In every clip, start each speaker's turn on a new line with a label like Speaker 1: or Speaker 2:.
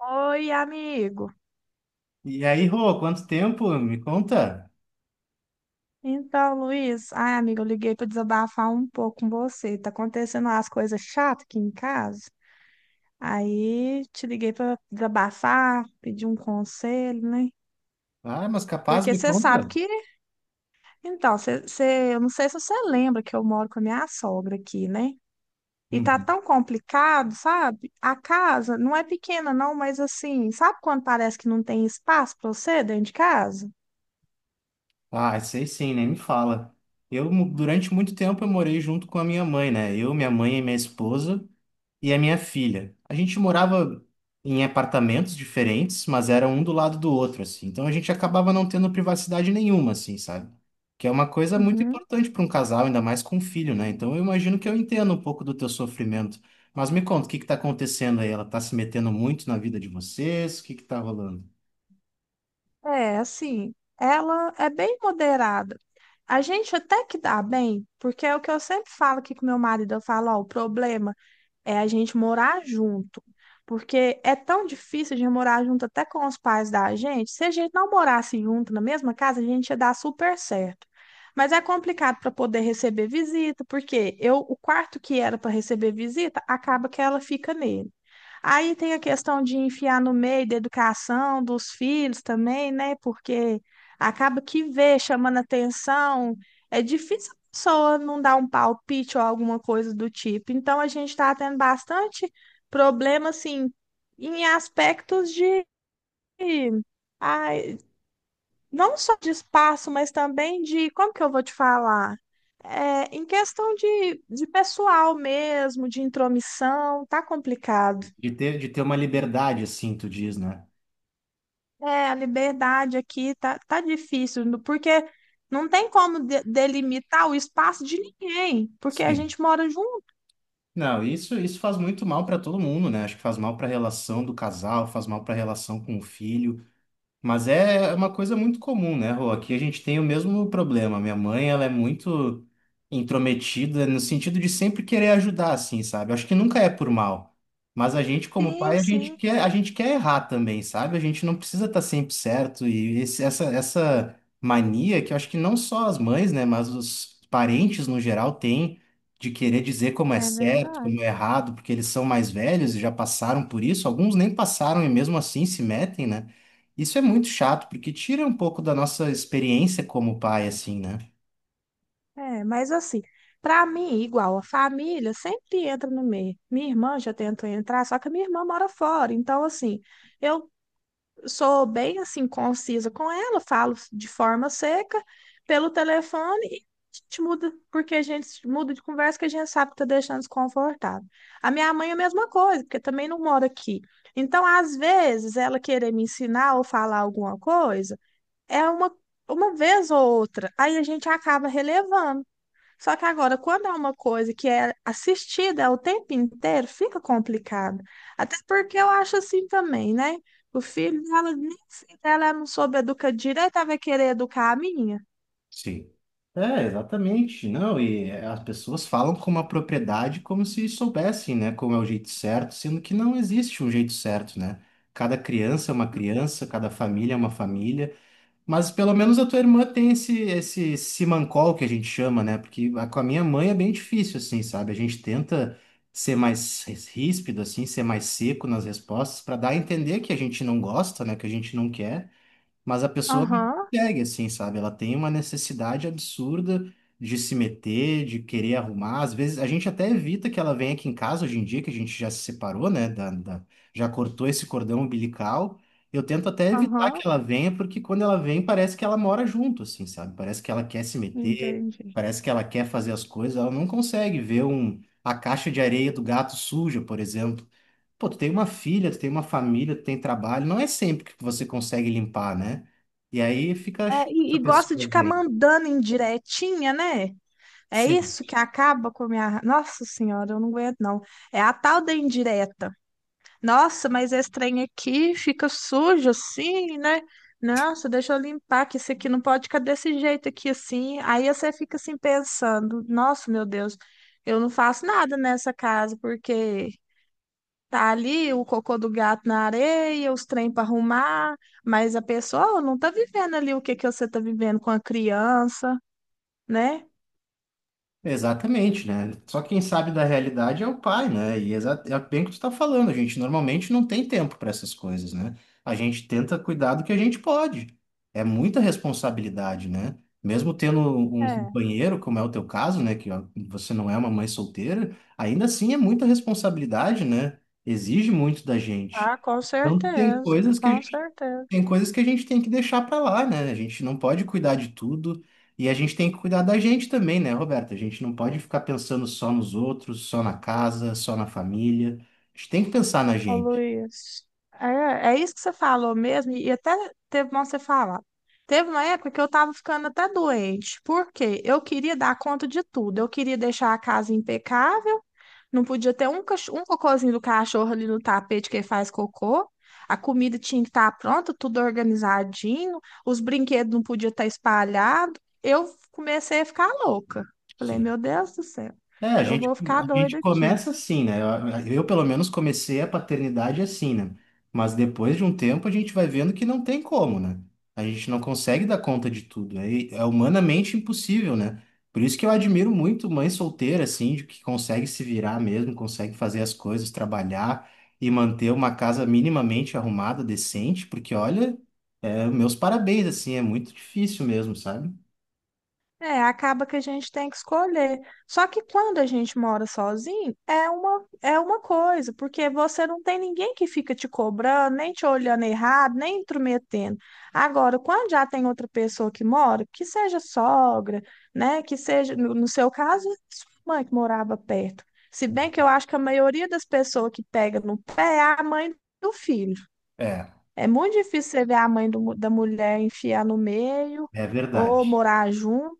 Speaker 1: Oi, amigo.
Speaker 2: E aí, Rô, quanto tempo? Me conta.
Speaker 1: Então, Luiz, ai, amigo, eu liguei para desabafar um pouco com você. Tá acontecendo umas coisas chatas aqui em casa. Aí te liguei para desabafar, pedir um conselho, né?
Speaker 2: Ah, mas capaz,
Speaker 1: Porque
Speaker 2: me
Speaker 1: você
Speaker 2: conta.
Speaker 1: sabe que, então, você eu não sei se você lembra que eu moro com a minha sogra aqui, né? E tá
Speaker 2: Uhum.
Speaker 1: tão complicado, sabe? A casa não é pequena, não, mas assim, sabe quando parece que não tem espaço para você dentro de casa?
Speaker 2: Ah, sei sim, nem me fala. Durante muito tempo, eu morei junto com a minha mãe, né? Eu, minha mãe e minha esposa. E a minha filha. A gente morava em apartamentos diferentes, mas era um do lado do outro, assim. Então a gente acabava não tendo privacidade nenhuma, assim, sabe? Que é uma coisa muito
Speaker 1: Uhum.
Speaker 2: importante para um casal, ainda mais com um filho, né? Então eu imagino que eu entendo um pouco do teu sofrimento. Mas me conta, o que que tá acontecendo aí? Ela tá se metendo muito na vida de vocês? O que que tá rolando?
Speaker 1: É, assim, ela é bem moderada. A gente até que dá bem, porque é o que eu sempre falo aqui com meu marido, eu falo, ó, o problema é a gente morar junto, porque é tão difícil de morar junto até com os pais da gente. Se a gente não morasse junto na mesma casa, a gente ia dar super certo. Mas é complicado para poder receber visita, porque eu, o quarto que era para receber visita, acaba que ela fica nele. Aí tem a questão de enfiar no meio da educação dos filhos também, né? Porque acaba que vê chamando atenção, é difícil a pessoa não dar um palpite ou alguma coisa do tipo. Então a gente está tendo bastante problema, assim, em aspectos de, ai, não só de espaço, mas também de, como que eu vou te falar? É, em questão de pessoal mesmo, de intromissão, tá complicado.
Speaker 2: De ter uma liberdade, assim, tu diz, né?
Speaker 1: É, a liberdade aqui tá, tá difícil, no- porque não tem como de- delimitar o espaço de ninguém, porque a
Speaker 2: Sim.
Speaker 1: gente mora junto.
Speaker 2: Não, isso faz muito mal para todo mundo, né? Acho que faz mal para a relação do casal, faz mal para a relação com o filho. Mas é uma coisa muito comum, né, Rô? Aqui a gente tem o mesmo problema. Minha mãe, ela é muito intrometida no sentido de sempre querer ajudar, assim, sabe? Acho que nunca é por mal. Mas a gente, como
Speaker 1: Sim,
Speaker 2: pai, a gente
Speaker 1: sim,
Speaker 2: quer, a gente quer errar também, sabe? A gente não precisa estar sempre certo. E essa mania que eu acho que não só as mães, né, mas os parentes no geral têm de querer dizer como é
Speaker 1: é
Speaker 2: certo,
Speaker 1: verdade.
Speaker 2: como é errado, porque eles são mais velhos e já passaram por isso. Alguns nem passaram e mesmo assim se metem, né? Isso é muito chato, porque tira um pouco da nossa experiência como pai, assim, né?
Speaker 1: É, mas assim, pra mim, igual a família, sempre entra no meio. Minha irmã já tentou entrar, só que a minha irmã mora fora. Então, assim, eu sou bem assim concisa com ela, falo de forma seca pelo telefone e a gente muda, porque a gente muda de conversa que a gente sabe que tá deixando desconfortável. A minha mãe é a mesma coisa, porque também não mora aqui. Então, às vezes, ela querer me ensinar ou falar alguma coisa é uma vez ou outra, aí a gente acaba relevando. Só que agora, quando é uma coisa que é assistida é o tempo inteiro, fica complicado. Até porque eu acho assim também, né? O filho dela, nem se ela não soube educar direito, ela vai querer educar a minha.
Speaker 2: Sim. É, exatamente. Não, e as pessoas falam com uma propriedade como se soubessem, né, como é o jeito certo, sendo que não existe um jeito certo, né? Cada criança é uma criança, cada família é uma família. Mas pelo menos a tua irmã tem esse simancol que a gente chama, né? Com a minha mãe é bem difícil, assim, sabe? A gente tenta ser mais ríspido, assim, ser mais seco nas respostas, para dar a entender que a gente não gosta, né? Que a gente não quer. Mas a pessoa não
Speaker 1: Aham,
Speaker 2: consegue, assim, sabe? Ela tem uma necessidade absurda de se meter, de querer arrumar. Às vezes, a gente até evita que ela venha aqui em casa hoje em dia, que a gente já se separou, né? Já cortou esse cordão umbilical. Eu tento até evitar
Speaker 1: aham,
Speaker 2: que ela venha, porque quando ela vem, parece que ela mora junto, assim, sabe? Parece que ela quer se meter,
Speaker 1: entendi.
Speaker 2: parece que ela quer fazer as coisas. Ela não consegue ver um, a caixa de areia do gato suja, por exemplo. Pô, tu tem uma filha, tu tem uma família, tu tem trabalho, não é sempre que você consegue limpar, né? E aí fica chato
Speaker 1: É, e,
Speaker 2: a
Speaker 1: e gosta de
Speaker 2: pessoa
Speaker 1: ficar
Speaker 2: ver.
Speaker 1: mandando indiretinha, né? É
Speaker 2: Sim,
Speaker 1: isso que acaba com a minha. Nossa Senhora, eu não aguento, não. É a tal da indireta. Nossa, mas esse trem aqui fica sujo assim, né? Nossa, deixa eu limpar, que isso aqui não pode ficar desse jeito aqui assim. Aí você fica assim pensando: nossa, meu Deus, eu não faço nada nessa casa, porque tá ali o cocô do gato na areia, os trem para arrumar, mas a pessoa não tá vivendo ali o que que você tá vivendo com a criança, né?
Speaker 2: exatamente, né? Só quem sabe da realidade é o pai, né? E é bem o que tu tá falando, a gente normalmente não tem tempo para essas coisas, né? A gente tenta cuidar do que a gente pode. É muita responsabilidade, né? Mesmo tendo um
Speaker 1: É,
Speaker 2: companheiro, como é o teu caso, né? Que ó, você não é uma mãe solteira, ainda assim é muita responsabilidade, né? Exige muito da gente.
Speaker 1: ah, com
Speaker 2: Então
Speaker 1: certeza, com certeza.
Speaker 2: tem coisas que a gente tem que deixar para lá, né? A gente não pode cuidar de tudo e a gente tem que cuidar da gente também, né, Roberta? A gente não pode ficar pensando só nos outros, só na casa, só na família. A gente tem que pensar na
Speaker 1: Ô,
Speaker 2: gente.
Speaker 1: Luiz, é, é isso que você falou mesmo, e até teve bom você falar. Teve uma época que eu tava ficando até doente, porque eu queria dar conta de tudo. Eu queria deixar a casa impecável, não podia ter um um cocôzinho do cachorro ali no tapete que ele faz cocô. A comida tinha que estar pronta, tudo organizadinho, os brinquedos não podiam estar espalhados. Eu comecei a ficar louca. Falei, meu Deus do céu,
Speaker 2: É, a
Speaker 1: eu
Speaker 2: gente,
Speaker 1: vou ficar
Speaker 2: a gente
Speaker 1: doida aqui.
Speaker 2: começa assim, né? Pelo menos, comecei a paternidade assim, né? Mas depois de um tempo, a gente vai vendo que não tem como, né? A gente não consegue dar conta de tudo. É, é humanamente impossível, né? Por isso que eu admiro muito mãe solteira, assim, de que consegue se virar mesmo, consegue fazer as coisas, trabalhar e manter uma casa minimamente arrumada, decente, porque, olha, é, meus parabéns, assim, é muito difícil mesmo, sabe?
Speaker 1: É, acaba que a gente tem que escolher. Só que quando a gente mora sozinho, é uma coisa, porque você não tem ninguém que fica te cobrando, nem te olhando errado, nem intrometendo. Agora, quando já tem outra pessoa que mora, que seja sogra, né, que seja, no seu caso, sua mãe que morava perto. Se bem que eu acho que a maioria das pessoas que pega no pé é a mãe do filho.
Speaker 2: É,
Speaker 1: É muito difícil você ver a mãe do mu- da mulher enfiar no meio
Speaker 2: é
Speaker 1: ou
Speaker 2: verdade.
Speaker 1: morar junto.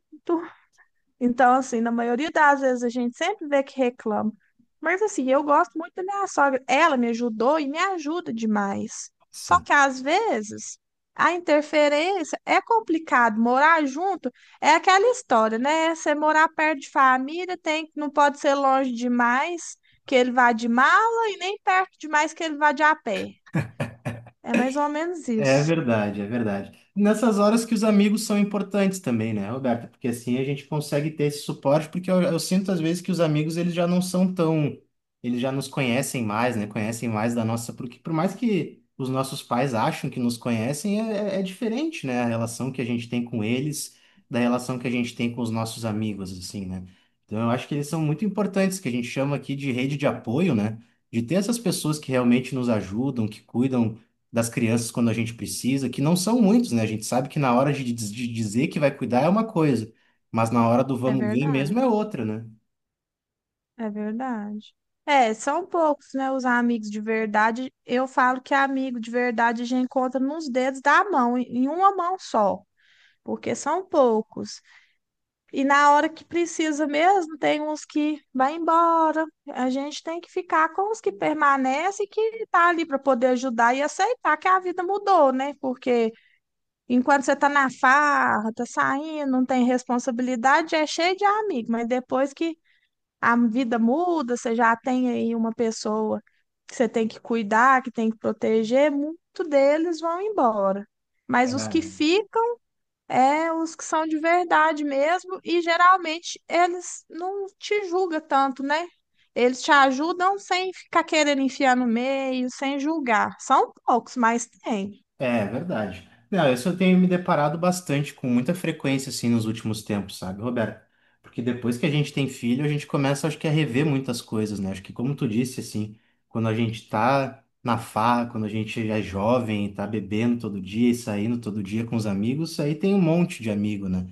Speaker 1: Então, assim, na maioria das vezes a gente sempre vê que reclama. Mas, assim, eu gosto muito da minha sogra. Ela me ajudou e me ajuda demais. Só
Speaker 2: Sim.
Speaker 1: que, às vezes, a interferência é complicado. Morar junto é aquela história, né? Você morar perto de família tem, não pode ser longe demais que ele vá de mala e nem perto demais que ele vá de a pé. É mais ou menos
Speaker 2: É
Speaker 1: isso.
Speaker 2: verdade, é verdade. Nessas horas que os amigos são importantes também, né, Roberta? Porque assim a gente consegue ter esse suporte, porque eu sinto às vezes que os amigos eles já não são tão, eles já nos conhecem mais, né? Conhecem mais da nossa, porque por mais que os nossos pais acham que nos conhecem, é, é diferente, né? A relação que a gente tem com eles da relação que a gente tem com os nossos amigos, assim, né? Então eu acho que eles são muito importantes, que a gente chama aqui de rede de apoio, né? De ter essas pessoas que realmente nos ajudam, que cuidam das crianças quando a gente precisa, que não são muitos, né? A gente sabe que na hora de dizer que vai cuidar é uma coisa, mas na hora do
Speaker 1: É
Speaker 2: vamos ver
Speaker 1: verdade.
Speaker 2: mesmo é outra, né?
Speaker 1: É verdade. É, são poucos, né, os amigos de verdade. Eu falo que amigo de verdade a gente encontra nos dedos da mão, em uma mão só, porque são poucos. E na hora que precisa mesmo, tem uns que vai embora. A gente tem que ficar com os que permanecem, que tá ali para poder ajudar e aceitar que a vida mudou, né? Porque enquanto você tá na farra, tá saindo, não tem responsabilidade, é cheio de amigo, mas depois que a vida muda, você já tem aí uma pessoa que você tem que cuidar, que tem que proteger, muito deles vão embora.
Speaker 2: É,
Speaker 1: Mas os que ficam é os que são de verdade mesmo, e geralmente eles não te julgam tanto, né? Eles te ajudam sem ficar querendo enfiar no meio, sem julgar. São poucos, mas tem.
Speaker 2: É verdade. Não, isso eu tenho me deparado bastante com muita frequência assim nos últimos tempos, sabe, Roberto? Porque depois que a gente tem filho, a gente começa, acho que, a rever muitas coisas, né? Acho que, como tu disse, assim, quando a gente tá na farra, quando a gente é jovem, tá bebendo todo dia e saindo todo dia com os amigos, isso aí tem um monte de amigo, né?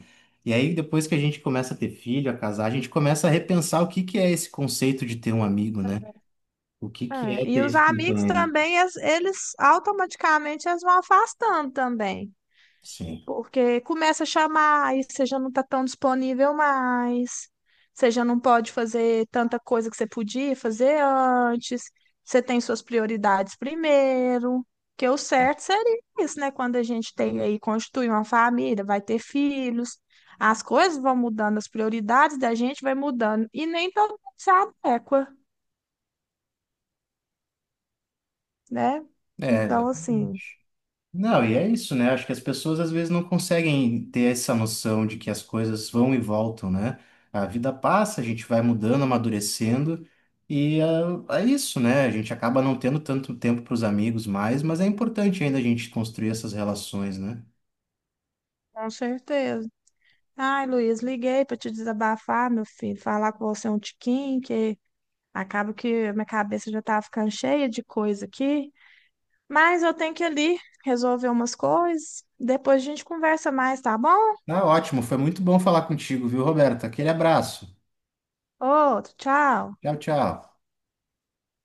Speaker 2: E aí, depois que a gente começa a ter filho, a casar, a gente começa a repensar o que que é esse conceito de ter um amigo, né? O que que
Speaker 1: É,
Speaker 2: é
Speaker 1: e
Speaker 2: ter
Speaker 1: os
Speaker 2: esse
Speaker 1: amigos
Speaker 2: companheiro?
Speaker 1: também, eles automaticamente eles vão afastando também.
Speaker 2: Sim.
Speaker 1: Porque começa a chamar, aí você já não está tão disponível mais, você já não pode fazer tanta coisa que você podia fazer antes, você tem suas prioridades primeiro. Que o certo seria isso, né? Quando a gente tem aí, constitui uma família, vai ter filhos, as coisas vão mudando, as prioridades da gente vai mudando, e nem todo mundo se adequa, né?
Speaker 2: É,
Speaker 1: Então, assim,
Speaker 2: exatamente. Não, e é isso, né? Acho que as pessoas às vezes não conseguem ter essa noção de que as coisas vão e voltam, né? A vida passa, a gente vai mudando, amadurecendo, e ah, é, isso, né? A gente acaba não tendo tanto tempo para os amigos mais, mas é importante ainda a gente construir essas relações, né?
Speaker 1: com certeza. Ai, Luiz, liguei para te desabafar, meu filho, falar com você um tiquinho, que acaba que a minha cabeça já tá ficando cheia de coisa aqui, mas eu tenho que ir ali resolver umas coisas. Depois a gente conversa mais, tá bom?
Speaker 2: Tá ótimo, foi muito bom falar contigo, viu, Roberto? Aquele abraço.
Speaker 1: Outro, tchau.
Speaker 2: Tchau, tchau.